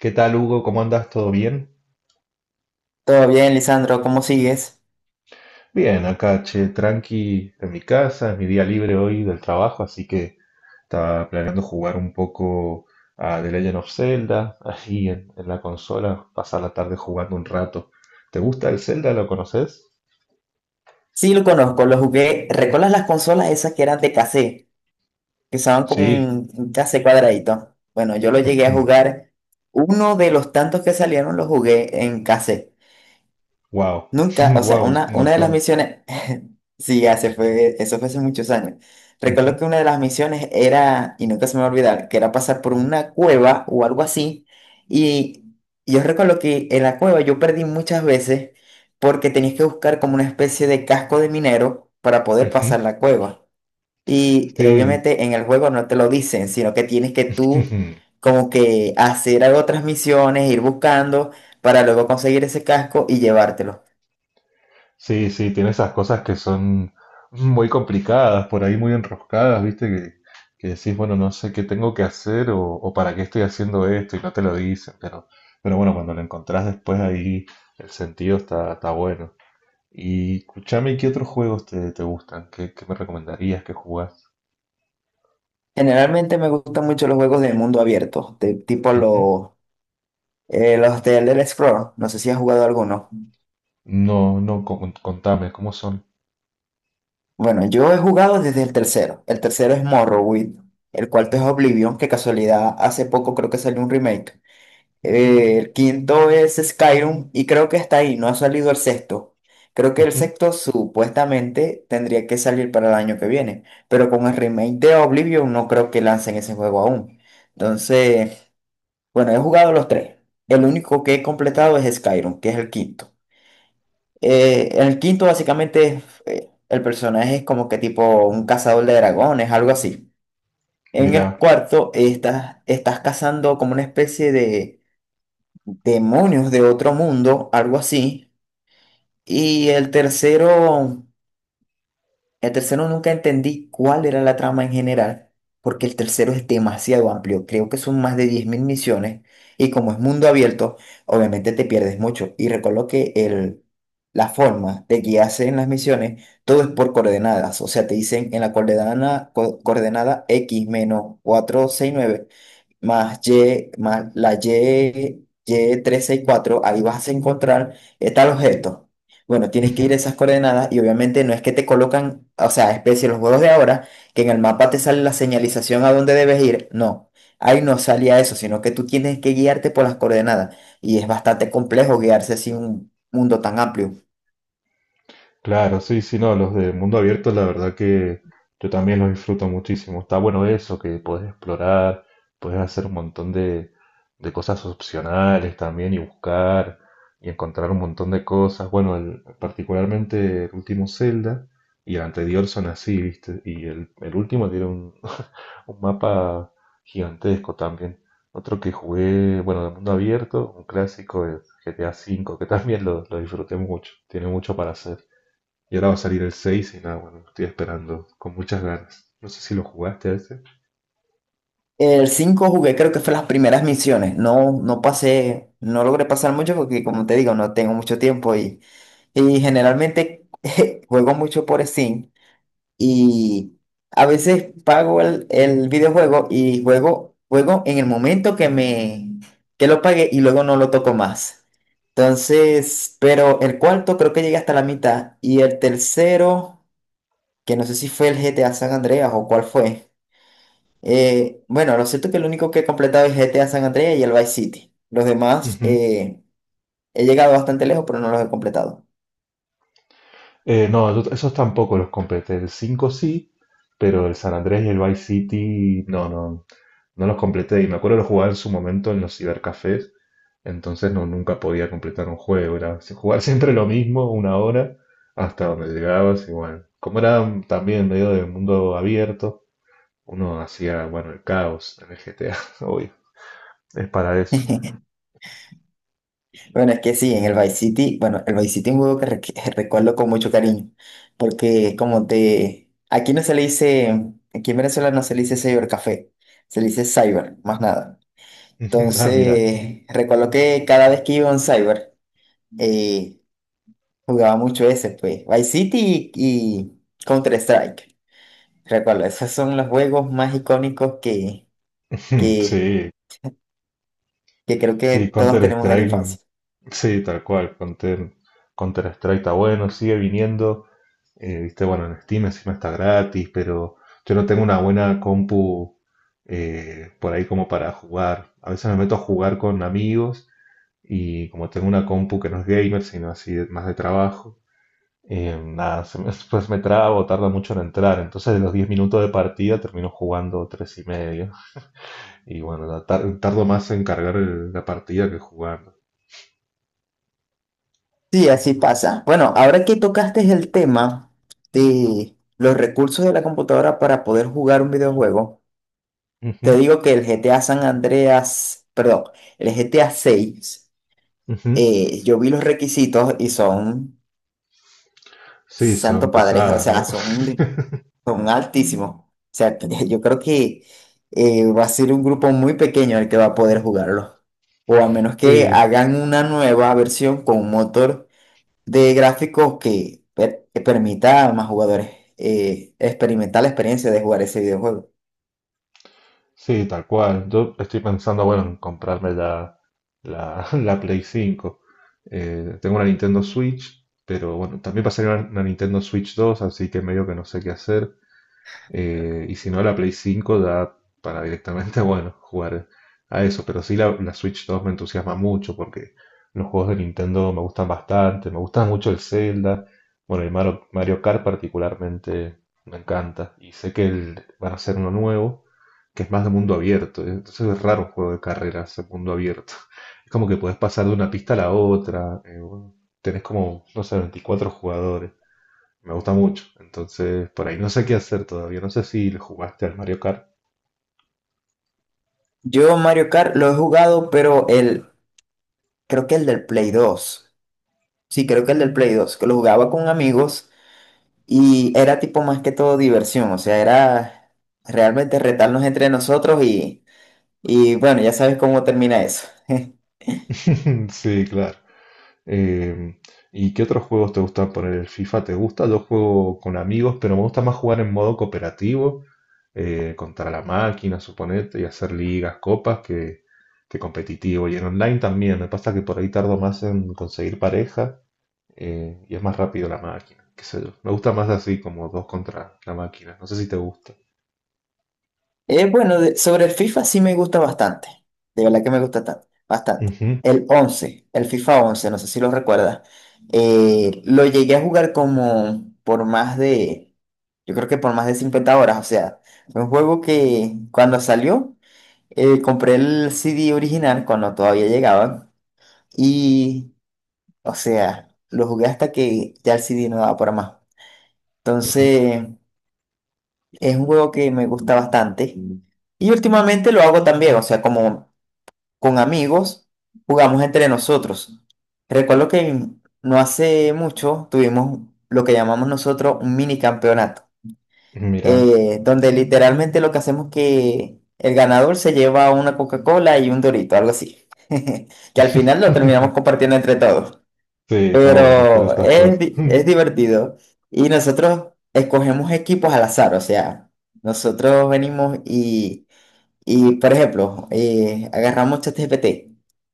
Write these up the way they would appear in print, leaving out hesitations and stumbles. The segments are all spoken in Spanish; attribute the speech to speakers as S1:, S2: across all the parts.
S1: ¿Qué tal, Hugo? ¿Cómo andas? ¿Todo bien?
S2: Todo bien, Lisandro, ¿cómo sigues?
S1: Bien, acá, che, tranqui en mi casa, es mi día libre hoy del trabajo, así que estaba planeando jugar un poco a The Legend of Zelda, ahí en la consola, pasar la tarde jugando un rato. ¿Te gusta el Zelda? ¿Lo conoces?
S2: Sí, lo conozco, lo jugué. ¿Recuerdas las consolas esas que eran de cassette? Que usaban como
S1: Sí,
S2: un cassette cuadradito. Bueno, yo lo llegué a jugar. Uno de los tantos que salieron lo jugué en cassette.
S1: wow,
S2: Nunca, o sea,
S1: wow, es
S2: una,
S1: un
S2: una de las
S1: montón.
S2: misiones, sí, eso fue hace muchos años. Recuerdo
S1: Ujú,
S2: que una de las misiones era, y nunca se me va a olvidar, que era pasar por una cueva o algo así. Y yo recuerdo que en la cueva yo perdí muchas veces porque tenías que buscar como una especie de casco de minero para poder
S1: ujú.
S2: pasar la cueva. Y
S1: Sí,
S2: obviamente en el juego no te lo dicen, sino que tienes que tú como que hacer otras misiones, ir buscando para luego conseguir ese casco y llevártelo.
S1: sí, sí, tiene esas cosas que son muy complicadas, por ahí muy enroscadas, ¿viste? Que decís, bueno, no sé qué tengo que hacer o para qué estoy haciendo esto y no te lo dicen, pero bueno, cuando lo encontrás después ahí el sentido está bueno. Y escuchame, ¿qué otros juegos te gustan? ¿Qué me recomendarías que jugás?
S2: Generalmente me gustan mucho los juegos de mundo abierto, tipo
S1: Ujú.
S2: los de Elder Scrolls. No sé si has jugado alguno.
S1: No, no, contame, ¿cómo son?
S2: Bueno, yo he jugado desde el tercero. El tercero es Morrowind. El cuarto es Oblivion, que casualidad hace poco creo que salió un remake. El quinto es Skyrim y creo que está ahí, no ha salido el sexto. Creo que el
S1: Ujú.
S2: sexto supuestamente tendría que salir para el año que viene, pero con el remake de Oblivion no creo que lancen ese juego aún. Entonces... Bueno, he jugado los tres. El único que he completado es Skyrim, que es el quinto. En el quinto básicamente el personaje es como que tipo un cazador de dragones, algo así. En
S1: Mirá.
S2: el cuarto estás cazando como una especie de demonios de otro mundo, algo así. Y el tercero... El tercero nunca entendí cuál era la trama en general, porque el tercero es demasiado amplio. Creo que son más de 10.000 misiones y como es mundo abierto, obviamente te pierdes mucho. Y recuerdo que la forma de guiarse en las misiones, todo es por coordenadas. O sea, te dicen en la coordenada, coordenada X menos más Y, más la Y, y 364 ahí vas a encontrar tal objeto. Bueno, tienes que ir a esas coordenadas y obviamente no es que te colocan, o sea, especie los juegos de ahora, que en el mapa te sale la señalización a dónde debes ir. No, ahí no salía eso, sino que tú tienes que guiarte por las coordenadas. Y es bastante complejo guiarse así en un mundo tan amplio.
S1: Claro, sí, sí, no, los de mundo abierto, la verdad que yo también los disfruto muchísimo. Está bueno eso, que puedes explorar, puedes hacer un montón de cosas opcionales también y buscar y encontrar un montón de cosas. Bueno, particularmente el último Zelda y el anterior son así, ¿viste? Y el último tiene un, un mapa gigantesco también. Otro que jugué, bueno, de mundo abierto, un clásico, el GTA V, que también lo disfruté mucho, tiene mucho para hacer. Y ahora va a salir el 6 y nada, bueno, lo estoy esperando con muchas ganas. No sé si lo jugaste a ese.
S2: El 5 jugué, creo que fue las primeras misiones. No, no pasé, no logré pasar mucho porque, como te digo, no tengo mucho tiempo y generalmente juego mucho por Steam y a veces pago el videojuego y juego en el momento que que lo pagué y luego no lo toco más. Entonces, pero el cuarto creo que llegué hasta la mitad y el tercero, que no sé si fue el GTA San Andreas o cuál fue. Bueno, lo cierto es que el único que he completado es GTA San Andreas y el Vice City. Los demás
S1: Ujú.
S2: he llegado bastante lejos, pero no los he completado.
S1: No, esos tampoco los completé. El 5 sí, pero el San Andrés y el Vice City no, no, no los completé. Y me acuerdo que los jugaba en su momento en los cibercafés. Entonces no, nunca podía completar un juego. Era jugar siempre lo mismo, una hora, hasta donde llegabas. Y bueno, como era también medio del mundo abierto, uno hacía, bueno, el caos en el GTA, obvio. Es para eso.
S2: Bueno, es que sí, en el Vice City, bueno, el Vice City es un juego que que recuerdo con mucho cariño, porque como te, aquí no se le dice, aquí en Venezuela no se le dice cybercafé, se le dice cyber, más nada.
S1: Ah, mira.
S2: Entonces, recuerdo que cada vez que iba a un cyber, eh, jugaba mucho ese, pues, Vice City y Counter-Strike. Recuerdo, esos son los juegos más icónicos que, que,
S1: Sí,
S2: que creo que
S1: sí,
S2: todos tenemos de la
S1: Counter-Strike,
S2: infancia.
S1: sí, tal cual, Counter-Strike está bueno, sigue viniendo, viste, bueno, en Steam encima está gratis, pero yo no tengo una buena compu por ahí como para jugar. A veces me meto a jugar con amigos y como tengo una compu que no es gamer, sino así más de trabajo, nada, después me trabo, tarda mucho en entrar, entonces de los 10 minutos de partida termino jugando 3 y medio. Y bueno, la tardo más en cargar la partida que jugar.
S2: Sí, así pasa. Bueno, ahora que tocaste el tema de los recursos de la computadora para poder jugar un videojuego, te
S1: Ujú,
S2: digo que el GTA San Andreas, perdón, el GTA 6,
S1: ujú.
S2: yo vi los requisitos y son
S1: Sí,
S2: santo
S1: son
S2: padre, o
S1: pesadas,
S2: sea,
S1: ¿no?
S2: son altísimos. O sea, yo creo que va a ser un grupo muy pequeño el que va a poder jugarlo. O a menos que
S1: Sí,
S2: hagan una nueva versión con un motor de gráficos que, que permita a más jugadores experimentar la experiencia de jugar ese videojuego.
S1: sí, tal cual. Yo estoy pensando, bueno, en comprarme la, la Play 5. Tengo una Nintendo Switch pero bueno, también va a salir una Nintendo Switch 2 así que medio que no sé qué hacer. Y si no, la Play 5 da para directamente, bueno, jugar a eso. Pero sí, la Switch 2 me entusiasma mucho porque los juegos de Nintendo me gustan bastante. Me gusta mucho el Zelda. Bueno, el Mario, Mario Kart particularmente me encanta. Y sé que van a hacer uno nuevo que es más de mundo abierto. ¿Eh? Entonces es raro un juego de carreras en mundo abierto. Es como que puedes pasar de una pista a la otra. Bueno, tenés como, no sé, 24 jugadores. Me gusta mucho. Entonces, por ahí no sé qué hacer todavía. No sé si le jugaste al Mario Kart.
S2: Yo Mario Kart lo he jugado, pero creo que el del Play 2, sí, creo que el del Play 2, que lo jugaba con amigos y era tipo más que todo diversión. O sea, era realmente retarnos entre nosotros. Y bueno, ya sabes cómo termina eso.
S1: Sí, claro. Eh, ¿Y qué otros juegos te gustan poner? ¿El FIFA te gusta? Yo juego con amigos, pero me gusta más jugar en modo cooperativo, contra la máquina, suponete, y hacer ligas, copas, que competitivo. Y en online también. Me pasa que por ahí tardo más en conseguir pareja, y es más rápido la máquina. Qué sé yo. Me gusta más así, como dos contra la máquina. No sé si te gusta.
S2: Bueno, sobre el FIFA sí me gusta bastante. De verdad que me gusta bastante.
S1: Ujú,
S2: El FIFA 11 no sé si lo recuerdas. Lo llegué a jugar como por yo creo que por más de 50 horas. O sea, fue un juego que cuando salió, compré el CD original cuando todavía llegaba. Y, o sea, lo jugué hasta que ya el CD no daba para más.
S1: ujú.
S2: Entonces... Es un juego que me gusta bastante. Y últimamente lo hago también, o sea, como con amigos, jugamos entre nosotros. Recuerdo que no hace mucho tuvimos lo que llamamos nosotros un mini campeonato,
S1: Mira,
S2: donde literalmente lo que hacemos es que el ganador se lleva una Coca-Cola y un Dorito, algo así. Que al final lo terminamos compartiendo entre todos.
S1: sí, está bueno hacer
S2: Pero
S1: estas
S2: es,
S1: cosas.
S2: di- es
S1: Ujú,
S2: divertido. Y nosotros escogemos equipos al azar, o sea, nosotros venimos y, por ejemplo, agarramos ChatGPT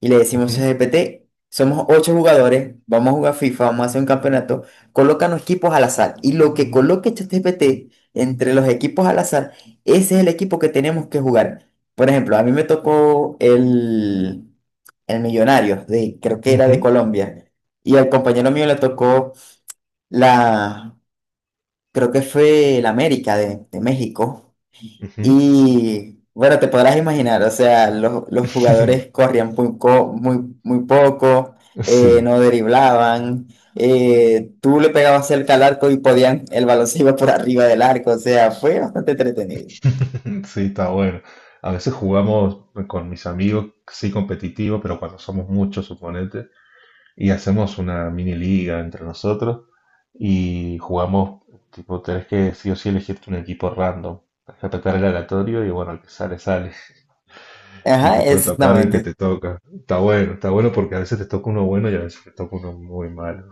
S2: y le decimos
S1: ujú,
S2: ChatGPT, somos ocho jugadores, vamos a jugar FIFA, vamos a hacer un campeonato, colócanos equipos al azar. Y lo que coloque ChatGPT entre los equipos al azar, ese es el equipo que tenemos que jugar. Por ejemplo, a mí me tocó el Millonario, de, creo que era de
S1: ujú,
S2: Colombia, y al compañero mío le tocó la, creo que fue el América de México.
S1: ujú.
S2: Y bueno, te podrás imaginar, o sea, los jugadores corrían muy, muy, muy poco,
S1: Sí,
S2: no driblaban, tú le pegabas cerca al arco y podían, el balón se iba por arriba del arco, o sea, fue bastante entretenido.
S1: sí, está bueno. A veces jugamos con mis amigos, sí, competitivo, pero cuando somos muchos, suponete, y hacemos una mini liga entre nosotros y jugamos, tipo, tenés que sí o sí elegirte un equipo random, tenés que apretar el aleatorio y bueno, el que sale, sale. Y
S2: Ajá,
S1: te puede tocar el que
S2: exactamente,
S1: te toca. Está bueno porque a veces te toca uno bueno y a veces te toca uno muy malo.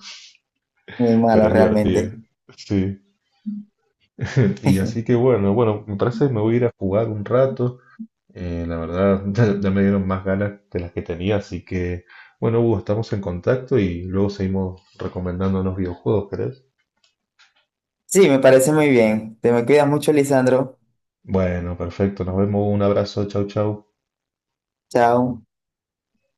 S2: muy malo
S1: Pero es divertido.
S2: realmente.
S1: Sí. Y así que bueno, bueno, me parece que me voy a ir a jugar un rato. La verdad, ya, ya me dieron más ganas de las que tenía, así que bueno, Hugo, estamos en contacto y luego seguimos recomendándonos videojuegos, ¿querés?
S2: Sí, me parece muy bien. Te me cuidas mucho, Lisandro.
S1: Bueno, perfecto, nos vemos, un abrazo, chau, chau.
S2: Chao.